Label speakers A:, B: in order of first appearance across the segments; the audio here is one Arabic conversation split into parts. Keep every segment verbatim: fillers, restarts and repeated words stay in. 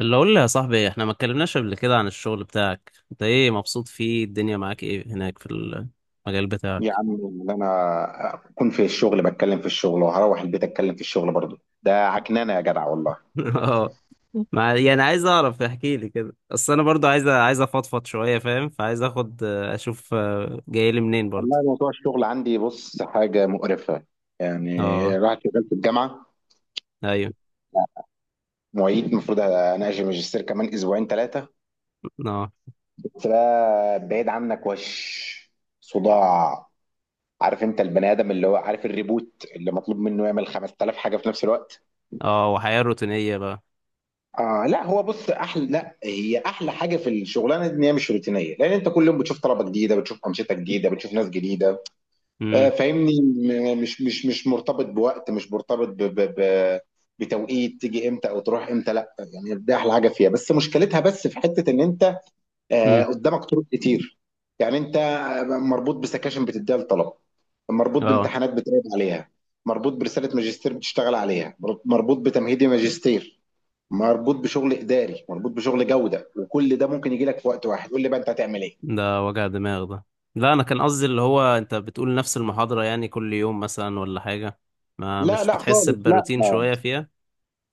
A: اللي اقول لي يا صاحبي، احنا ما اتكلمناش قبل كده عن الشغل بتاعك. انت ايه، مبسوط فيه؟ الدنيا معاك ايه هناك في المجال
B: يا
A: بتاعك؟
B: عم اللي انا اكون في الشغل بتكلم في الشغل وهروح البيت اتكلم في الشغل برضه ده عكنانه يا جدع والله.
A: اه. مع... يعني عايز اعرف، احكي لي كده، اصل انا برضو عايز عايز افضفض شويه، فاهم؟ فعايز اخد اشوف، آه، جاي لي منين برضو.
B: والله موضوع الشغل عندي، بص، حاجه مقرفه يعني.
A: اه.
B: راح شغال في الجامعه
A: ايوه.
B: معيد، المفروض اناقش الماجستير كمان اسبوعين ثلاثه.
A: اه.
B: بس بقى بعيد عنك وش صداع. عارف انت البني ادم اللي هو عارف الريبوت اللي مطلوب منه يعمل خمس آلاف حاجه في نفس الوقت.
A: اه، وحياه روتينيه بقى.
B: آه لا، هو بص احلى، لا هي احلى حاجه في الشغلانه دي ان هي مش روتينيه، لان انت كل يوم بتشوف طلبه جديده، بتشوف انشطه جديده، بتشوف ناس جديده. آه
A: امم
B: فاهمني، م- مش مش مش مرتبط بوقت، مش مرتبط ب ب ب بتوقيت تيجي امتى او تروح امتى، لا. يعني ده احلى حاجه فيها، بس مشكلتها بس في حته ان انت آه
A: امم
B: قدامك طرق كتير. يعني انت مربوط بسكاشن بتديها للطلبه، مربوط
A: اه،
B: بامتحانات بتراقب عليها، مربوط برساله ماجستير بتشتغل عليها، مربوط بتمهيدي ماجستير، مربوط بشغل اداري، مربوط بشغل جوده، وكل ده ممكن يجي لك في وقت واحد. قول لي بقى انت هتعمل ايه.
A: ده وجع دماغ ده. لا، انا كان قصدي اللي هو انت بتقول نفس المحاضره يعني كل يوم مثلا ولا حاجه؟ ما
B: لا
A: مش
B: لا
A: بتحس
B: خالص، لا،
A: بروتين شويه فيها؟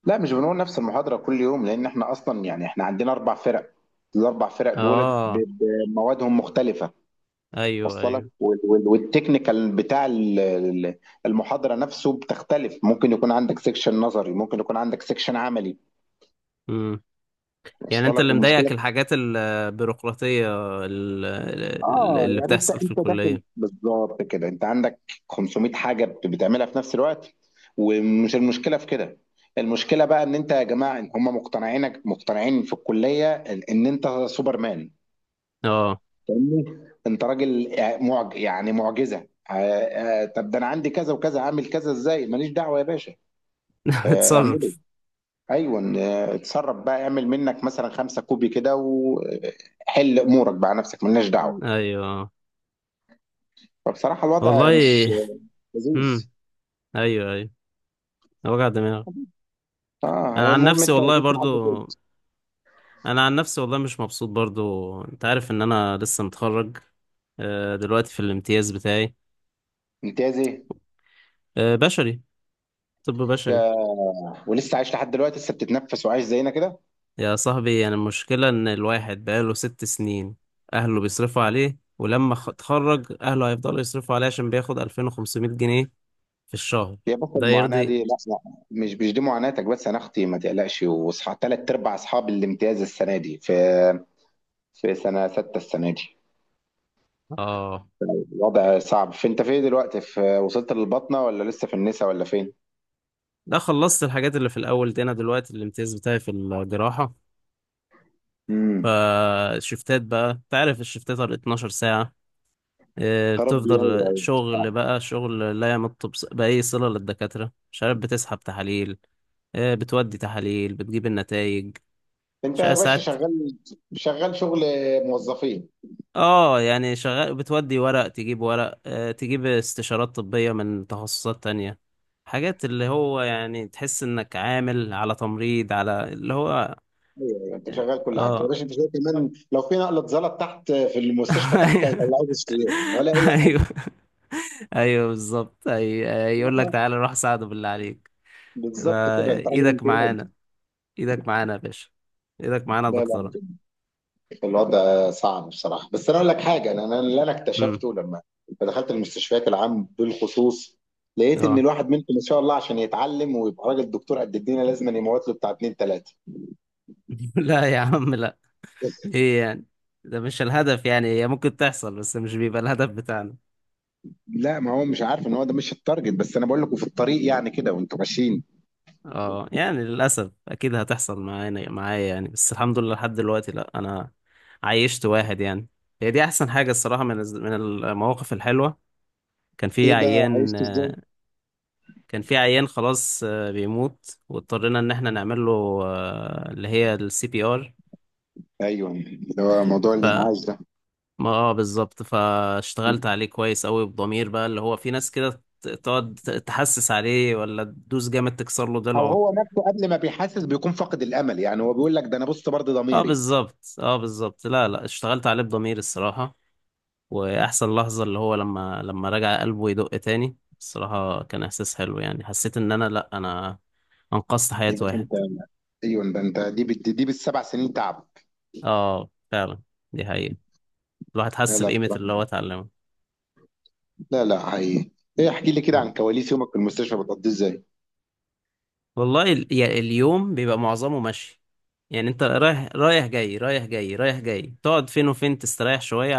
B: لا مش بنقول نفس المحاضره كل يوم، لان احنا اصلا يعني احنا عندنا اربع فرق. الاربع فرق دولت
A: اه.
B: ب- بموادهم مختلفه.
A: ايوه
B: وصل لك؟
A: ايوه.
B: وال- وال- والتكنيكال بتاع ال- ال- ال-محاضره نفسه بتختلف. ممكن يكون عندك سيكشن نظري، ممكن يكون عندك سيكشن عملي.
A: امم يعني
B: وصل
A: انت
B: لك؟
A: اللي مضايقك
B: والمشكله
A: الحاجات البيروقراطية ال- ال-
B: اه
A: اللي
B: يعني انت
A: بتحصل في
B: انت داخل
A: الكلية؟
B: بالظبط كده، انت عندك خمسمائة حاجه بت- بتعملها في نفس الوقت. ومش المشكله في كده، المشكله بقى ان انت يا جماعه إن هم مقتنعينك، مقتنعين في الكليه ان، إن انت سوبرمان.
A: اه.
B: فاهمني؟ انت راجل آه، معج يعني معجزه آه، آه، طب ده انا عندي كذا وكذا، عامل كذا ازاي، ماليش دعوه يا باشا. آه، اعمله،
A: اتصرف.
B: ايوه آه، اتصرف بقى، اعمل منك مثلا خمسة كوبي كده وحل امورك، بقى نفسك مالناش دعوه.
A: ايوه آه.
B: فبصراحه الوضع مش
A: والله.
B: لذيذ.
A: امم. ايوه ايوه. وجع دماغ.
B: اه،
A: انا
B: هي
A: عن
B: المهم
A: نفسي
B: انت
A: والله
B: وصلت لحد
A: برضو،
B: فين؟
A: انا عن نفسي والله مش مبسوط برضو. انت عارف ان انا لسه متخرج، آه، دلوقتي في الامتياز بتاعي.
B: امتياز ايه؟
A: آه، بشري. طب بشري.
B: يا- ولسه عايش لحد دلوقتي؟ لسه بتتنفس وعايش زينا كده؟
A: يا صاحبي، انا المشكلة ان الواحد بقاله ست سنين اهله بيصرفوا عليه، ولما خ- اتخرج اهله هيفضلوا يصرفوا عليه عشان بياخد ألفين وخمسمائة جنيه في الشهر.
B: هي بس
A: ده
B: المعاناه دي؟
A: يرضي؟
B: لا لا، مش مش دي معاناتك بس انا اختي، ما تقلقش، واصحى ثلاث ارباع اصحاب الامتياز السنه دي في في سنه سته السنه دي
A: اه.
B: الوضع صعب. فانت فين دلوقتي؟ في وصلت للبطنه ولا لسه في النسا ولا فين؟
A: ده خلصت الحاجات اللي في الاول دي. انا دلوقتي الامتياز بتاعي في الجراحة.
B: امم.
A: فالشفتات بقى، انت عارف الشفتات على اتناشر ساعة. إيه،
B: يا ربي، ايوه
A: بتفضل
B: ايوه
A: شغل
B: صعب.
A: بقى شغل لا يمت بص- بأي صلة للدكاترة. مش عارف، بتسحب تحاليل، إيه، بتودي تحاليل، بتجيب النتائج.
B: انت يا باشا شغال، شغال شغل موظفين.
A: اه يعني شغال، بتودي ورق تجيب ورق، آه، تجيب استشارات طبية من تخصصات تانية، حاجات اللي هو يعني تحس انك عامل على تمريض، على اللي هو.
B: ايوه ايوه، انت شغال كل حاجه يا
A: اه.
B: باشا. انت شايف كمان لو في نقله زلط تحت في المستشفى تحت هيطلعوه بالسيوله ولا اي حاجه.
A: ايوه. ايوه بالظبط. أي... يقول لك
B: والله
A: تعالى روح ساعده بالله عليك.
B: بالظبط كده،
A: ما-
B: انت راجل
A: ايدك
B: امتياز.
A: معانا. ايدك معانا يا باشا. ايدك معانا يا
B: لا لا،
A: دكتورة.
B: الوضع صعب بصراحه. بس انا اقول لك حاجه، انا أنا اللي انا
A: امم.
B: اكتشفته لما دخلت المستشفيات العام بالخصوص، لقيت ان
A: اه.
B: الواحد منكم ما شاء الله عشان يتعلم ويبقى راجل دكتور قد الدنيا لازم أن يموت له بتاع اتنين تلاته.
A: لا يا عم لا، ايه يعني؟ ده مش الهدف يعني. هي ممكن تحصل بس مش بيبقى الهدف بتاعنا.
B: لا ما هو مش عارف ان هو ده مش التارجت، بس انا بقول لكم في الطريق يعني كده وانتوا ماشيين.
A: اه يعني للأسف أكيد هتحصل معانا، معايا يعني، بس الحمد لله لحد دلوقتي لأ. أنا عايشت واحد يعني، هي دي أحسن حاجة الصراحة، من الز- من المواقف الحلوة. كان في
B: ايه بقى، عايز
A: عيان،
B: ازاي؟
A: آه، كان في عيان خلاص، آه، بيموت، واضطرينا إن احنا نعمل له، آه، اللي هي السي بي ار.
B: ايوه، اللي هو موضوع الانعاش ده.
A: ما اه بالظبط. فاشتغلت عليه كويس قوي بضمير بقى، اللي هو في ناس كده ت- تقعد ت- تحسس عليه ولا تدوس جامد تكسر له
B: او
A: ضلعه.
B: هو نفسه قبل ما بيحاسس بيكون فاقد الامل، يعني هو بيقول لك ده انا بص برضه
A: اه
B: ضميري.
A: بالظبط، اه بالظبط. لا لا، اشتغلت عليه بضمير الصراحة. واحسن لحظة اللي هو لما لما رجع قلبه يدق تاني، الصراحة كان احساس حلو. يعني حسيت ان انا، لا انا انقذت حياة
B: يا باشا انت،
A: واحد.
B: ايوه ده انت، دي بت- دي بالسبع سنين تعب.
A: اه فعلا، دي حقيقة. الواحد
B: لا
A: حس
B: لا
A: بقيمة
B: بصراحه،
A: اللي هو اتعلمه.
B: لا لا حقيقي. ايه، احكي لي كده عن كواليس يومك في المستشفى، بتقضيه ازاي؟
A: والله ال- يعني اليوم بيبقى معظمه مشي. يعني انت رايح، رايح جاي رايح جاي رايح جاي، تقعد فين؟ وفين تستريح شوية؟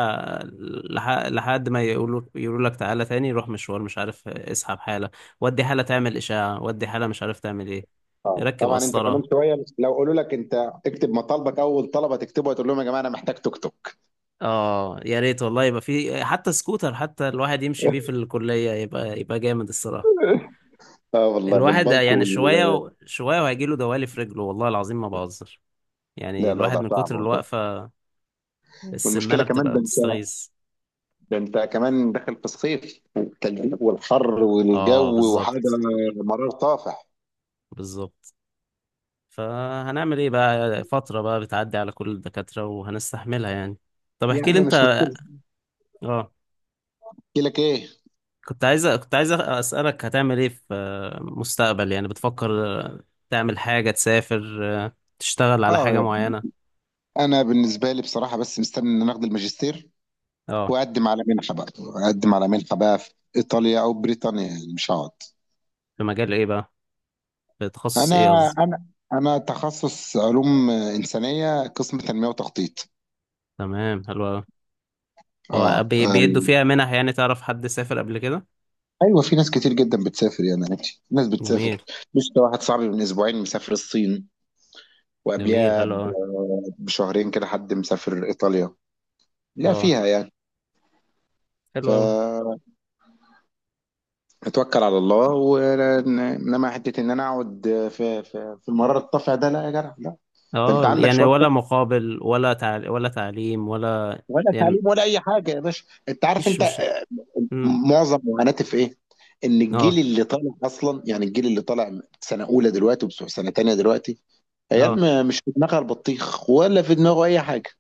A: لح- لحد ما يقولوا يقولوا لك تعالى تاني، روح مشوار، مش عارف اسحب حالة، ودي حالة تعمل إشاعة، ودي حالة مش عارف تعمل ايه،
B: اه
A: ركب
B: طبعا، انت كمان
A: قسطرة.
B: شويه لو قالوا لك انت اكتب مطالبك، اول طلبه تكتبه هتقول لهم يا جماعه انا محتاج توك توك.
A: اه يا ريت والله، يبقى في حتى سكوتر، حتى الواحد يمشي بيه في الكلية، يبقى يبقى جامد الصراحة.
B: اه والله،
A: الواحد
B: بالبلط
A: يعني شوية
B: وال...
A: و- شوية وهيجيله دوالي في رجله، والله العظيم ما بهزر. يعني
B: لا
A: الواحد
B: الوضع
A: من
B: صعب
A: كتر
B: والله.
A: الوقفة،
B: والمشكله
A: السمانة
B: كمان،
A: بتبقى
B: ده انت،
A: بتستغيث.
B: ده انت كمان داخل في الصيف والتلزيق والحر
A: اه
B: والجو وحاجه
A: بالظبط
B: مرار طافح.
A: بالظبط. فهنعمل ايه بقى؟ فترة بقى بتعدي على كل الدكاترة، وهنستحملها يعني. طب
B: يا
A: احكي لي
B: عم
A: انت.
B: مش مشكلة،
A: اه.
B: احكي لك ايه؟
A: كنت عايز كنت عايز اسألك، هتعمل ايه في، آه، مستقبل يعني بتفكر، آه، تعمل حاجة، تسافر، آه، تشتغل على
B: اه
A: حاجة
B: يعني،
A: معينة؟
B: انا بالنسبة لي بصراحة بس مستني ان انا اخد الماجستير
A: اه،
B: واقدم على منحة بقى، اقدم على منحة بقى في ايطاليا او بريطانيا، يعني مش هقعد.
A: في مجال ايه بقى؟ في تخصص
B: انا
A: ايه قصدي؟
B: انا انا تخصص علوم انسانية، قسم تنمية وتخطيط.
A: تمام، حلو أوي. هو
B: اه
A: بي-
B: آه.
A: بيدوا فيها منح يعني؟ تعرف حد سافر قبل كده؟
B: ايوه في ناس كتير جدا بتسافر، يعني عادي، ناس
A: جميل.
B: بتسافر. مش ده واحد صاحبي من اسبوعين مسافر الصين،
A: جميل،
B: وقبلها
A: حلو
B: ب-
A: أوي.
B: بشهرين كده حد مسافر ايطاليا. لا
A: اه،
B: فيها يعني. ف،
A: حلو أوي.
B: اتوكل على الله، وانما حته ان انا اقعد في في, في المرار الطافع ده، لا يا جدع لا. ده انت
A: اه
B: عندك
A: يعني
B: شويه،
A: ولا مقابل، ولا تعل... ولا تعليم ولا؟
B: ولا
A: يعني
B: تعليم ولا اي حاجه يا باشا. انت عارف
A: مفيش
B: انت،
A: مش. مم.
B: معظم معاناتي في ايه؟ ان الجيل
A: اه.
B: اللي طالع اصلا، يعني الجيل اللي طالع سنه اولى دلوقتي وبتوع سنه تانيه دلوقتي، عيال
A: اه.
B: ما- مش في دماغها البطيخ، ولا في دماغه اي حاجه،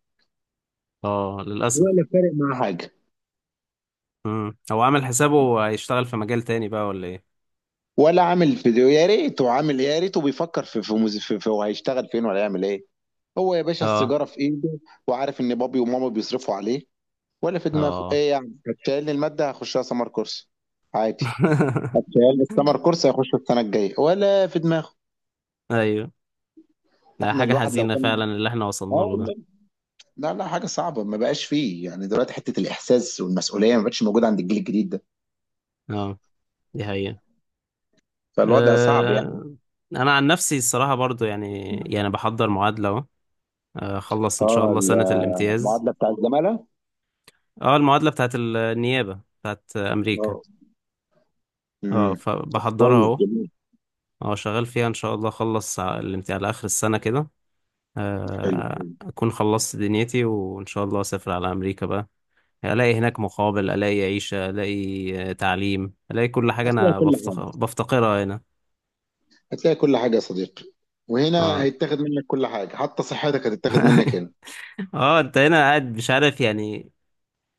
A: اه للأسف.
B: ولا فارق معاه حاجه.
A: مم. هو عامل حسابه هيشتغل في مجال تاني بقى ولا ايه؟
B: ولا عامل فيديو، يا ريته عامل ايه، يا ريته بيفكر في في, مز- في, في هو هيشتغل فين ولا يعمل ايه. هو يا باشا
A: اه.
B: السيجاره في ايده، وعارف ان بابي وماما بيصرفوا عليه، ولا في دماغه
A: اه.
B: ايه، يعني هتشيلني المادة هخشها سمر كورس عادي. هتشيلني السمر كورس هيخش السنة الجاية، ولا في دماغه.
A: ايوه. ده
B: احنا
A: حاجة
B: الواحد لو
A: حزينة
B: كان،
A: فعلا اللي احنا
B: اه
A: وصلنا له ده.
B: والله، لا لا حاجة صعبة، ما بقاش فيه يعني دلوقتي حتة الإحساس والمسؤولية، ما بقتش موجودة عند الجيل الجديد ده.
A: اه، دي حقيقة.
B: فالوضع صعب يعني.
A: أه... انا عن نفسي الصراحة برضو يعني، يعني بحضر معادلة اهو، آه، اخلص ان شاء
B: اه
A: الله سنة الامتياز.
B: المعادلة بتاع الزمالة،
A: اه، المعادلة بتاعت النيابة بتاعت امريكا.
B: اه،
A: اه،
B: امم،
A: فبحضرها
B: كويس
A: اهو.
B: جميل،
A: اه، شغال فيها. ان شاء الله اخلص على الامتحان على اخر السنة كده،
B: حلو.
A: آه، اكون خلصت دنيتي، وان شاء الله اسافر على امريكا بقى. الاقي هناك مقابل، الاقي عيشة، الاقي آه، تعليم، الاقي كل حاجة
B: هتلاقي
A: انا
B: كل
A: بفتق-
B: حاجة،
A: بفتقرها هنا.
B: هتلاقي كل حاجة يا صديقي. وهنا
A: اه.
B: هيتاخد منك كل حاجة، حتى صحتك هتتاخد منك هنا.
A: اه انت هنا قاعد مش عارف يعني،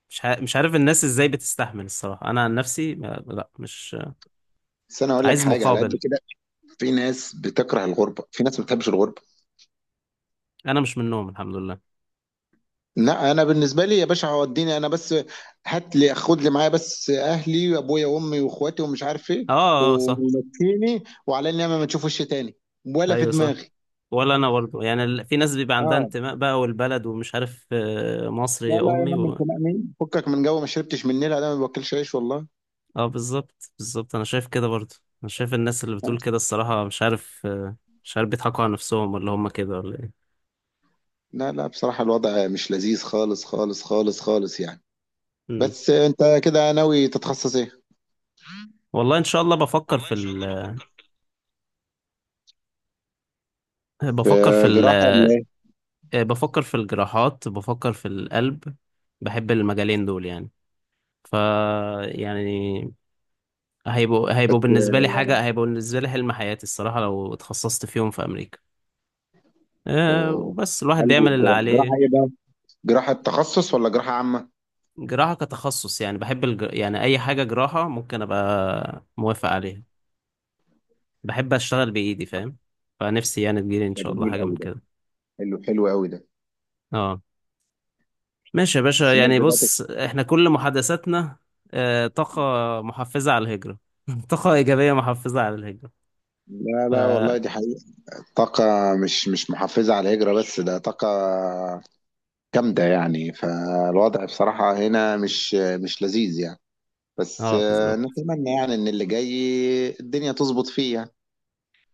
A: مش ح- مش عارف الناس ازاي بتستحمل الصراحة. انا عن نفسي ما- لا مش
B: بس انا اقول لك
A: عايز
B: حاجة على قد
A: مقابل.
B: كده، في ناس بتكره الغربه، في ناس ما بتحبش الغربه.
A: انا مش منهم، الحمد لله.
B: لا انا بالنسبه لي يا باشا هوديني انا بس، هات لي، خد لي معايا بس اهلي وابويا وامي واخواتي ومش عارف ايه
A: اه. اه. آه، صح.
B: ومشيني، وعلى النعمه ما تشوفوش تاني ولا في
A: ايوه صح.
B: دماغي.
A: ولا انا برضه يعني ال- في ناس بيبقى عندها
B: اه،
A: انتماء بقى والبلد ومش عارف، آه، مصر
B: لا
A: يا
B: لا يا
A: امي
B: عم،
A: و...
B: انت مأمين فكك من جو، ما شربتش من النيل انا، ما باكلش عيش والله.
A: اه بالظبط بالظبط، انا شايف كده برضه. انا شايف الناس اللي بتقول كده الصراحة مش عارف، آه، مش عارف بيضحكوا على نفسهم ولا هم كده ولا ايه.
B: لا لا بصراحه الوضع مش لذيذ، خالص خالص خالص خالص يعني.
A: مم.
B: بس انت كده ناوي تتخصص ايه؟
A: والله ان شاء الله بفكر
B: والله
A: في
B: ان شاء الله
A: ال...
B: بفكر في في
A: بفكر في ال...
B: جراحه ولا ايه،
A: آه، بفكر في الجراحات، بفكر في القلب. بحب المجالين دول يعني. ف، يعني هيبقوا هيبقوا بالنسبة لي حاجة، هيبقوا بالنسبة لي حلم حياتي الصراحة لو اتخصصت فيهم في أمريكا، آه،
B: آه،
A: وبس الواحد
B: قلب
A: بيعمل اللي
B: والجراحه. جراحه
A: عليه.
B: ايه بقى، جراحة تخصص ولا جراحة عامة؟
A: جراحة كتخصص يعني، بحب الج... يعني أي حاجة جراحة ممكن أبقى موافق عليها. بحب أشتغل بإيدي، فاهم؟ فنفسي يعني تجيلي إن
B: ده
A: شاء الله
B: جميل
A: حاجة من
B: قوي ده،
A: كده.
B: حلو حلو قوي ده.
A: اه، ماشي يا باشا
B: بس الناس
A: يعني.
B: بدأت،
A: بص، إحنا كل محادثاتنا آه، طاقة محفزة على الهجرة. طاقة إيجابية محفزة على الهجرة.
B: لا
A: ف،
B: لا والله دي حقيقة. طاقة، مش مش محفزة على الهجرة، بس ده طاقة جامدة يعني. فالوضع بصراحة هنا مش، مش لذيذ يعني. بس
A: اه
B: آه،
A: بالظبط.
B: نتمنى يعني إن اللي جاي الدنيا تظبط فيه يعني.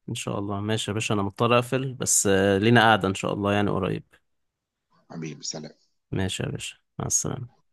A: إن شاء الله. ماشي يا باشا، أنا مضطر أقفل بس، آه، لينا قعدة إن شاء الله يعني قريب.
B: حبيبي سلام.
A: ماشي يا باشا، مع السلامة.